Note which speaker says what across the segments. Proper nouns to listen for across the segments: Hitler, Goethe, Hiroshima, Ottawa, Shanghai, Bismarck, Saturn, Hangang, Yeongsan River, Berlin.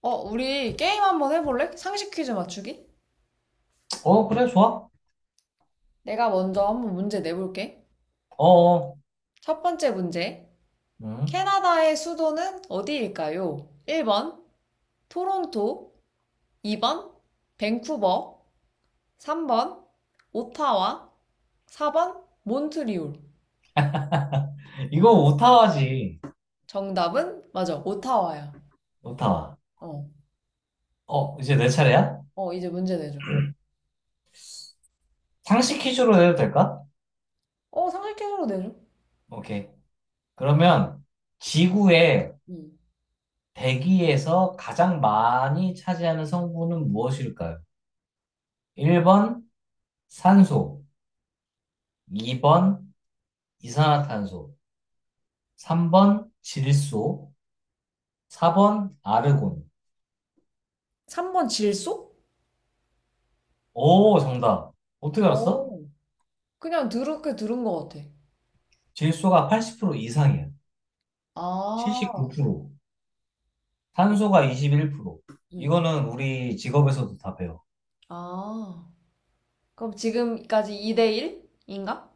Speaker 1: 우리 게임 한번 해볼래? 상식 퀴즈 맞추기?
Speaker 2: 어, 그래, 좋아.
Speaker 1: 내가 먼저 한번 문제 내볼게.
Speaker 2: 어, 어.
Speaker 1: 첫 번째 문제.
Speaker 2: 음.
Speaker 1: 캐나다의 수도는 어디일까요? 1번, 토론토. 2번, 밴쿠버. 3번, 오타와. 4번, 몬트리올.
Speaker 2: 이거 오타와지.
Speaker 1: 정답은? 맞아, 오타와야.
Speaker 2: 오타와.
Speaker 1: 어,
Speaker 2: 어, 이제 내 차례야?
Speaker 1: 어, 이제 문제 내줘.
Speaker 2: 상식 퀴즈로 해도 될까?
Speaker 1: 어, 상식 퀴즈로 내줘.
Speaker 2: 오케이. 그러면 지구의
Speaker 1: 음.
Speaker 2: 대기에서 가장 많이 차지하는 성분은 무엇일까요? 1번 산소, 2번 이산화탄소, 3번 질소, 4번 아르곤.
Speaker 1: 3번, 질소?
Speaker 2: 오, 정답. 어떻게 알았어?
Speaker 1: 어, 그냥 들은 게 들은 것 같아.
Speaker 2: 질소가 80% 이상이야.
Speaker 1: 아,
Speaker 2: 79%.
Speaker 1: 그래?
Speaker 2: 탄소가 21%.
Speaker 1: 음.
Speaker 2: 이거는 우리 직업에서도 다 배워.
Speaker 1: 아. 그럼 지금까지 2대 1인가?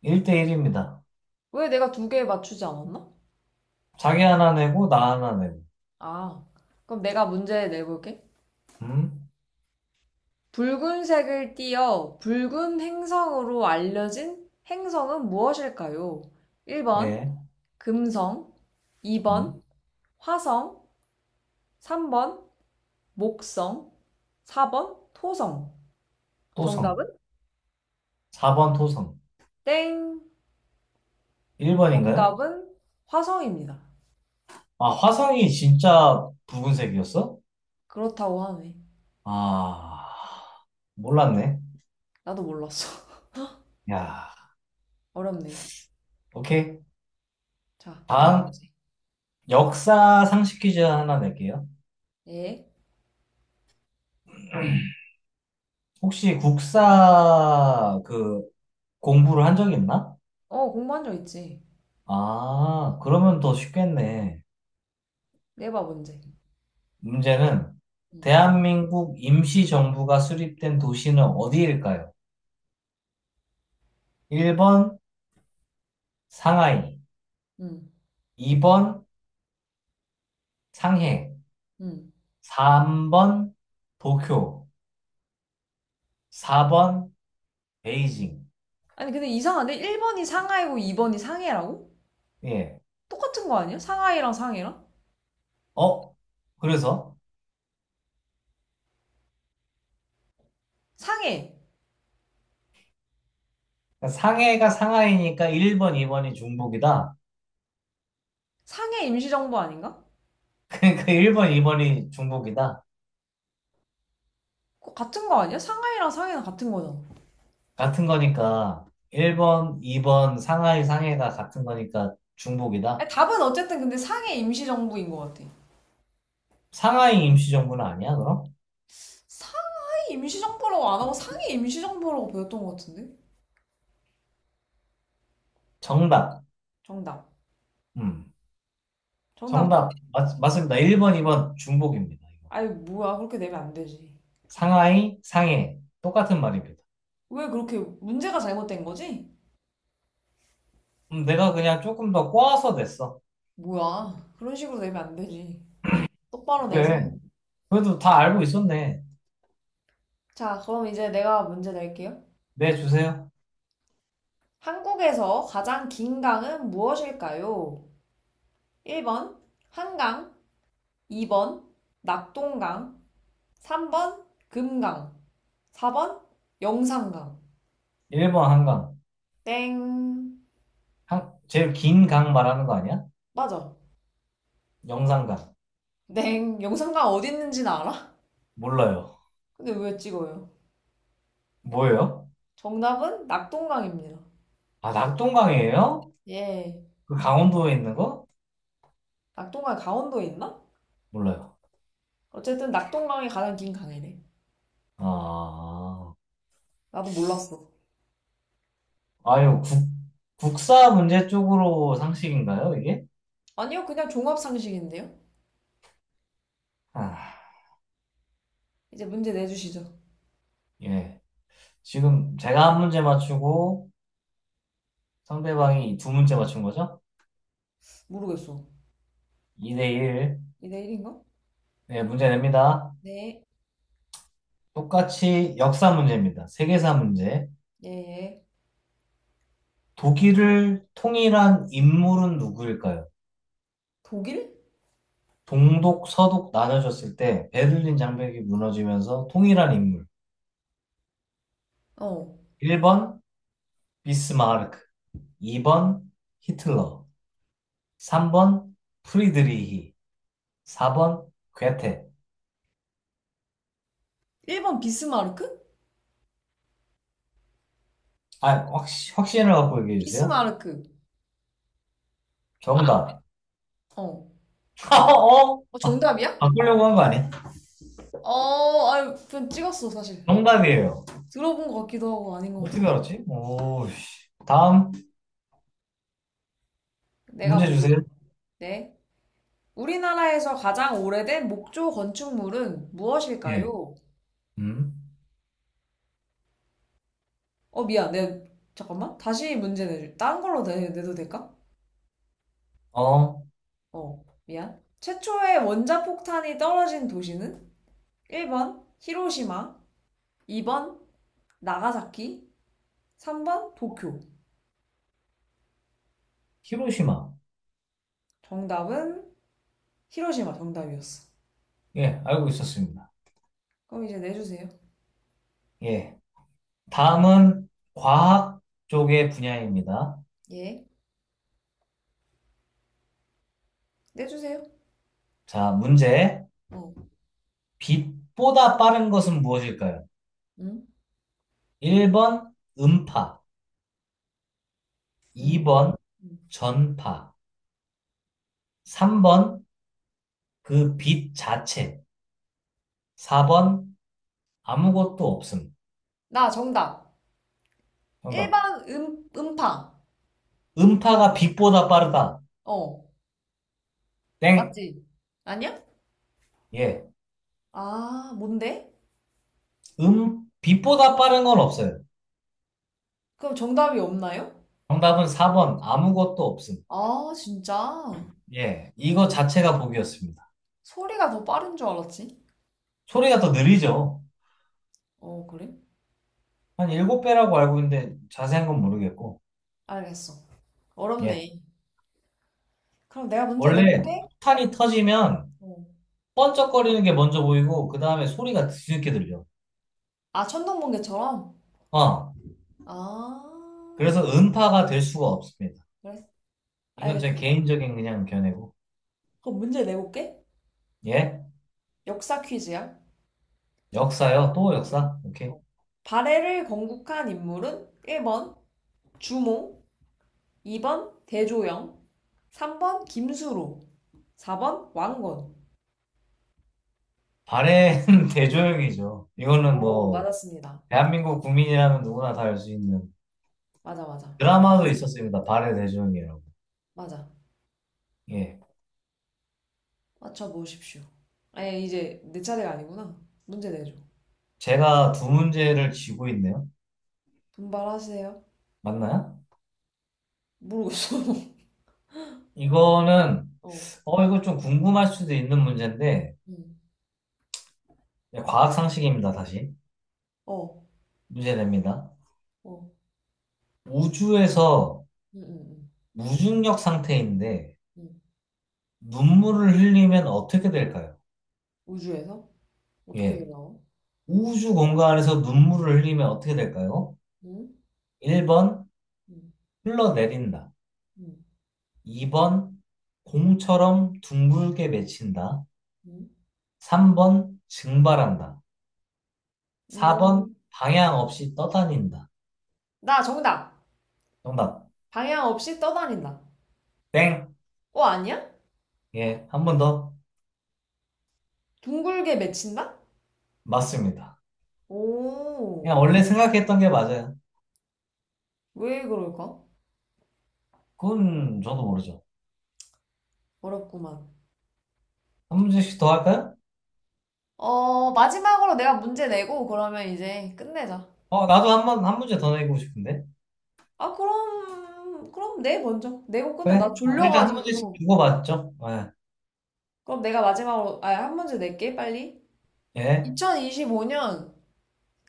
Speaker 2: 1대1입니다.
Speaker 1: 왜 내가 두 개 맞추지 않았나?
Speaker 2: 자기 하나 내고, 나 하나 내고.
Speaker 1: 아, 그럼 내가 문제 내볼게.
Speaker 2: 음?
Speaker 1: 붉은색을 띄어 붉은 행성으로 알려진 행성은 무엇일까요? 1번
Speaker 2: 예.
Speaker 1: 금성,
Speaker 2: 음?
Speaker 1: 2번 화성, 3번 목성, 4번 토성.
Speaker 2: 토성.
Speaker 1: 정답은?
Speaker 2: 4번 토성.
Speaker 1: 땡.
Speaker 2: 1번인가요?
Speaker 1: 정답은 화성입니다.
Speaker 2: 아, 화성이 진짜 붉은색이었어?
Speaker 1: 그렇다고 하네.
Speaker 2: 아, 몰랐네.
Speaker 1: 나도 몰랐어.
Speaker 2: 야,
Speaker 1: 어렵네.
Speaker 2: 오케이.
Speaker 1: 자, 다음
Speaker 2: 다음,
Speaker 1: 문제.
Speaker 2: 역사 상식 퀴즈 하나 낼게요.
Speaker 1: 예.
Speaker 2: 혹시 국사 그 공부를 한 적이 있나?
Speaker 1: 어, 공부한 적 있지.
Speaker 2: 아, 그러면 더 쉽겠네.
Speaker 1: 내봐, 문제.
Speaker 2: 문제는
Speaker 1: 응,
Speaker 2: 대한민국 임시정부가 수립된 도시는 어디일까요? 1번 상하이,
Speaker 1: 응,
Speaker 2: 2번 상해,
Speaker 1: 응.
Speaker 2: 3번 도쿄, 4번 베이징.
Speaker 1: 아니, 근데 이상한데? 1번이 상하이고 2번이 상해라고?
Speaker 2: 예.
Speaker 1: 똑같은 거 아니야? 상하이랑 상해랑?
Speaker 2: 어? 그래서
Speaker 1: 상해.
Speaker 2: 상해가 상하이니까 1번, 2번이 중복이다.
Speaker 1: 상해 임시정부 아닌가?
Speaker 2: 그러니까 1번, 2번이 중복이다.
Speaker 1: 그거 같은 거 아니야? 상하이랑 상해는 같은 거잖아.
Speaker 2: 같은 거니까 1번, 2번 상하이, 상해가 같은 거니까
Speaker 1: 아니,
Speaker 2: 중복이다.
Speaker 1: 답은 어쨌든 근데 상해 임시정부인 것 같아.
Speaker 2: 상하이 임시정부는 아니야, 그럼?
Speaker 1: 상해 임시정부라고 안 하고 상해 임시정부라고 배웠던 것 같은데?
Speaker 2: 정답.
Speaker 1: 정답.
Speaker 2: 음.
Speaker 1: 정답 뭐야?
Speaker 2: 정답. 맞습니다. 1번, 2번 중복입니다. 이거.
Speaker 1: 아이, 뭐야. 그렇게 내면 안 되지.
Speaker 2: 상하이, 상해. 똑같은 말입니다.
Speaker 1: 왜 그렇게 문제가 잘못된 거지?
Speaker 2: 내가 그냥 조금 더 꼬아서 냈어.
Speaker 1: 뭐야. 그런 식으로 내면 안 되지. 똑바로 내세요.
Speaker 2: 왜? 그래도 다 알고 있었네.
Speaker 1: 자, 그럼 이제 내가 문제 낼게요.
Speaker 2: 네, 주세요.
Speaker 1: 한국에서 가장 긴 강은 무엇일까요? 1번 한강, 2번 낙동강, 3번 금강, 4번 영산강.
Speaker 2: 1번 한강.
Speaker 1: 땡.
Speaker 2: 제일 긴 강 말하는 거 아니야?
Speaker 1: 맞아.
Speaker 2: 영산강.
Speaker 1: 땡. 영산강 어디 있는지는 알아?
Speaker 2: 몰라요.
Speaker 1: 근데 왜 찍어요?
Speaker 2: 뭐예요?
Speaker 1: 정답은 낙동강입니다.
Speaker 2: 아, 낙동강이에요?
Speaker 1: 예.
Speaker 2: 그 강원도에 있는 거?
Speaker 1: 낙동강 강원도에 있나?
Speaker 2: 몰라요.
Speaker 1: 어쨌든 낙동강이 가장 긴 강이래.
Speaker 2: 아,
Speaker 1: 나도 몰랐어.
Speaker 2: 아유, 국사 문제 쪽으로 상식인가요, 이게?
Speaker 1: 아니요, 그냥 종합상식인데요.
Speaker 2: 아,
Speaker 1: 이제 문제 내주시죠.
Speaker 2: 예. 지금 제가 한 문제 맞추고 상대방이 두 문제 맞춘 거죠?
Speaker 1: 모르겠어.
Speaker 2: 2대 1.
Speaker 1: 이 내일인가?
Speaker 2: 네, 문제 냅니다.
Speaker 1: 네.
Speaker 2: 똑같이 역사 문제입니다. 세계사 문제.
Speaker 1: 예, 예.
Speaker 2: 독일을 통일한 인물은 누구일까요?
Speaker 1: 독일?
Speaker 2: 동독, 서독 나눠졌을 때 베를린 장벽이 무너지면서 통일한 인물.
Speaker 1: 어.
Speaker 2: 1번 비스마르크, 2번 히틀러, 3번 프리드리히, 4번 괴테.
Speaker 1: 1번 비스마르크?
Speaker 2: 아, 확신을 갖고 얘기해 주세요.
Speaker 1: 비스마르크. 아,
Speaker 2: 정답.
Speaker 1: 어.
Speaker 2: 어?
Speaker 1: 어, 정답이야?
Speaker 2: 바꾸려고 한 거 아니야?
Speaker 1: 어, 아유, 그냥 찍었어, 사실.
Speaker 2: 정답이에요.
Speaker 1: 들어본 것 같기도 하고 아닌 것
Speaker 2: 어떻게
Speaker 1: 같아서.
Speaker 2: 알았지? 오, 씨. 다음
Speaker 1: 내가
Speaker 2: 문제
Speaker 1: 문제
Speaker 2: 주세요.
Speaker 1: 내, 네. 우리나라에서 가장 오래된 목조 건축물은
Speaker 2: 예.
Speaker 1: 무엇일까요?
Speaker 2: 음.
Speaker 1: 어, 미안. 잠깐만. 다시 문제 내줄. 딴 걸로 내도 될까?
Speaker 2: 어,
Speaker 1: 어, 미안. 최초의 원자폭탄이 떨어진 도시는? 1번, 히로시마. 2번, 나가사키. 3번 도쿄.
Speaker 2: 히로시마.
Speaker 1: 정답은 히로시마 정답이었어.
Speaker 2: 예, 알고 있었습니다.
Speaker 1: 그럼 이제 내주세요.
Speaker 2: 예. 다음은 과학 쪽의 분야입니다.
Speaker 1: 예. 내주세요.
Speaker 2: 자, 문제.
Speaker 1: 어.
Speaker 2: 빛보다 빠른 것은 무엇일까요?
Speaker 1: 응?
Speaker 2: 1번 음파,
Speaker 1: 응?
Speaker 2: 2번
Speaker 1: 응.
Speaker 2: 전파, 3번 그 빛 자체, 4번 아무것도 없음.
Speaker 1: 나 정답.
Speaker 2: 정답.
Speaker 1: 1번 음파.
Speaker 2: 음파가 빛보다 빠르다.
Speaker 1: 어.
Speaker 2: 땡.
Speaker 1: 맞지? 아니야?
Speaker 2: 예.
Speaker 1: 아, 뭔데?
Speaker 2: 빛보다 빠른 건 없어요.
Speaker 1: 그럼 정답이 없나요?
Speaker 2: 정답은 4번, 아무것도 없음.
Speaker 1: 아, 진짜.
Speaker 2: 예. 이거 자체가 복이었습니다.
Speaker 1: 소리가 더 빠른 줄 알았지?
Speaker 2: 소리가 더 느리죠?
Speaker 1: 어, 그래?
Speaker 2: 한 일곱 배라고 알고 있는데 자세한 건 모르겠고.
Speaker 1: 알겠어.
Speaker 2: 예.
Speaker 1: 어렵네. 그럼 내가 문제
Speaker 2: 원래
Speaker 1: 내볼게.
Speaker 2: 폭탄이 터지면
Speaker 1: 어.
Speaker 2: 번쩍거리는 게 먼저 보이고, 그 다음에 소리가 뒤늦게 들려.
Speaker 1: 아, 천둥번개처럼?
Speaker 2: 어.
Speaker 1: 아,
Speaker 2: 그래서 음파가 될 수가 없습니다.
Speaker 1: 그래.
Speaker 2: 이건 제
Speaker 1: 알겠어.
Speaker 2: 개인적인 그냥 견해고.
Speaker 1: 그럼 문제 내볼게.
Speaker 2: 예.
Speaker 1: 역사 퀴즈야.
Speaker 2: 역사요? 또
Speaker 1: 네.
Speaker 2: 역사? 오케이.
Speaker 1: 어. 발해를 건국한 인물은 1번 주몽, 2번 대조영, 3번 김수로, 4번 왕건.
Speaker 2: 발해는 대조영이죠. 이거는
Speaker 1: 오,
Speaker 2: 뭐,
Speaker 1: 맞았습니다.
Speaker 2: 대한민국 국민이라면 누구나 다 알 수 있는
Speaker 1: 맞아, 맞아. 맞,
Speaker 2: 드라마도 있었습니다. 발의 대전이라고.
Speaker 1: 맞아.
Speaker 2: 예.
Speaker 1: 맞춰보십시오. 이제 내 차례가 아니구나. 문제 내줘.
Speaker 2: 제가 두 문제를 쥐고 있네요.
Speaker 1: 분발하세요.
Speaker 2: 맞나요?
Speaker 1: 모르겠어.
Speaker 2: 이거는,
Speaker 1: 어,
Speaker 2: 이거 좀 궁금할 수도 있는 문제인데,
Speaker 1: 음,
Speaker 2: 예, 과학 상식입니다, 다시.
Speaker 1: 어,
Speaker 2: 문제 됩니다.
Speaker 1: 어,
Speaker 2: 우주에서
Speaker 1: 음, 음,
Speaker 2: 무중력 상태인데,
Speaker 1: 음, 음.
Speaker 2: 눈물을 흘리면 어떻게 될까요?
Speaker 1: 우주에서? 어떻게
Speaker 2: 예.
Speaker 1: 되나?
Speaker 2: 우주 공간에서 눈물을 흘리면 어떻게 될까요?
Speaker 1: 음,
Speaker 2: 1번,
Speaker 1: 음,
Speaker 2: 흘러내린다.
Speaker 1: 음,
Speaker 2: 2번 공처럼 둥글게 맺힌다.
Speaker 1: 음.
Speaker 2: 3번 증발한다. 4번
Speaker 1: 음,
Speaker 2: 방향 없이 떠다닌다.
Speaker 1: 나 정답!
Speaker 2: 정답.
Speaker 1: 방향 없이 떠다닌다.
Speaker 2: 땡.
Speaker 1: 어, 아니야?
Speaker 2: 예, 한 번 더.
Speaker 1: 둥글게 맺힌다?
Speaker 2: 맞습니다.
Speaker 1: 오,
Speaker 2: 그냥 원래 생각했던 게 맞아요.
Speaker 1: 왜 그럴까?
Speaker 2: 그건 저도 모르죠.
Speaker 1: 어렵구만.
Speaker 2: 한 문제씩 더 할까요?
Speaker 1: 어, 마지막으로 내가 문제 내고 그러면 이제 끝내자.
Speaker 2: 어, 나도 한 문제 더 내고 싶은데.
Speaker 1: 아, 그럼 내 먼저. 내고 끝내. 나
Speaker 2: 그래. 아, 일단 한 문제씩
Speaker 1: 졸려가지고.
Speaker 2: 주고받죠. 예.
Speaker 1: 그럼 내가 마지막으로, 아, 한 문제 낼게, 빨리.
Speaker 2: 예.
Speaker 1: 2025년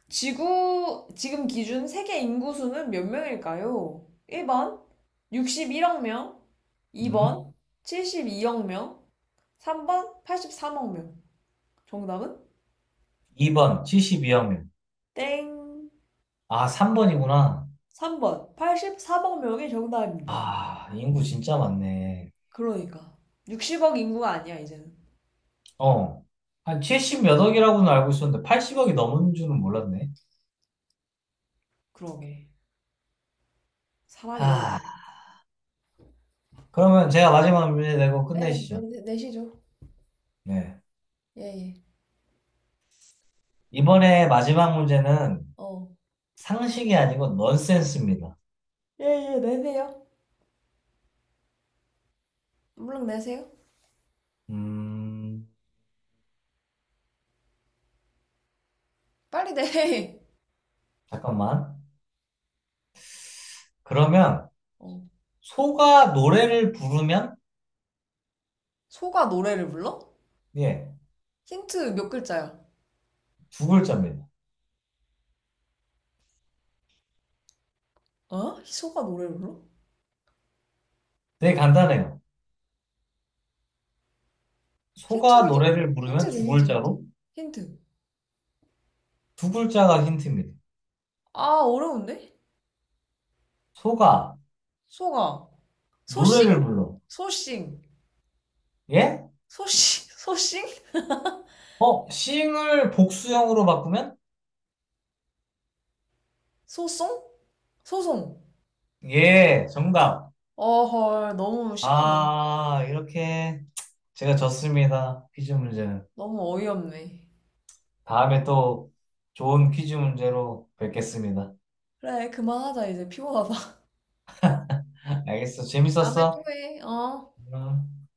Speaker 1: 지구, 지금 기준 세계 인구수는 몇 명일까요? 1번, 61억 명. 2번,
Speaker 2: 음.
Speaker 1: 72억 명. 3번, 83억 명. 정답은
Speaker 2: 2번, 72억 명.
Speaker 1: 땡.
Speaker 2: 아, 3번이구나.
Speaker 1: 3번. 84억 명이 정답입니다.
Speaker 2: 아, 인구 진짜 많네.
Speaker 1: 그러니까. 60억 인구가 아니야, 이제는.
Speaker 2: 어. 한 70 몇 억이라고는 알고 있었는데 80억이 넘은 줄은 몰랐네.
Speaker 1: 그러게. 사람이
Speaker 2: 아,
Speaker 1: 너무
Speaker 2: 그러면 제가 마지막 문제 내고
Speaker 1: 많아. 예,
Speaker 2: 끝내시죠.
Speaker 1: 내시죠.
Speaker 2: 네.
Speaker 1: 예, 예.
Speaker 2: 이번에 마지막 문제는
Speaker 1: 어.
Speaker 2: 상식이 아니고 넌센스입니다.
Speaker 1: 예, 예, 내세요. 물론 내세요.
Speaker 2: 음,
Speaker 1: 빨리 내.
Speaker 2: 잠깐만. 그러면
Speaker 1: 어.
Speaker 2: 소가 노래를 부르면
Speaker 1: 소가 노래를 불러?
Speaker 2: 예,
Speaker 1: 힌트 몇 글자야?
Speaker 2: 두 글자입니다.
Speaker 1: 어? 소가 노래를 불러?
Speaker 2: 되게 간단해요. 소가
Speaker 1: 힌트를 줘.
Speaker 2: 노래를 부르면
Speaker 1: 힌트 줘, 힌트, 힌트. 힌트.
Speaker 2: 두 글자가 힌트입니다.
Speaker 1: 아, 어려운데?
Speaker 2: 소가
Speaker 1: 소가. 소싱?
Speaker 2: 노래를 불러.
Speaker 1: 소싱.
Speaker 2: 예?
Speaker 1: 소싱? 소싱?
Speaker 2: 어, 싱을 복수형으로 바꾸면
Speaker 1: 소송? 소송.
Speaker 2: 예, 정답.
Speaker 1: 어, 헐, 너무 심하네.
Speaker 2: 아, 이렇게 제가 졌습니다. 퀴즈 문제는.
Speaker 1: 너무 어이없네.
Speaker 2: 다음에 또 좋은 퀴즈 문제로 뵙겠습니다.
Speaker 1: 그래, 그만하자, 이제 피곤하다.
Speaker 2: 알겠어.
Speaker 1: 다음에 또
Speaker 2: 재밌었어?
Speaker 1: 해, 어?
Speaker 2: 음.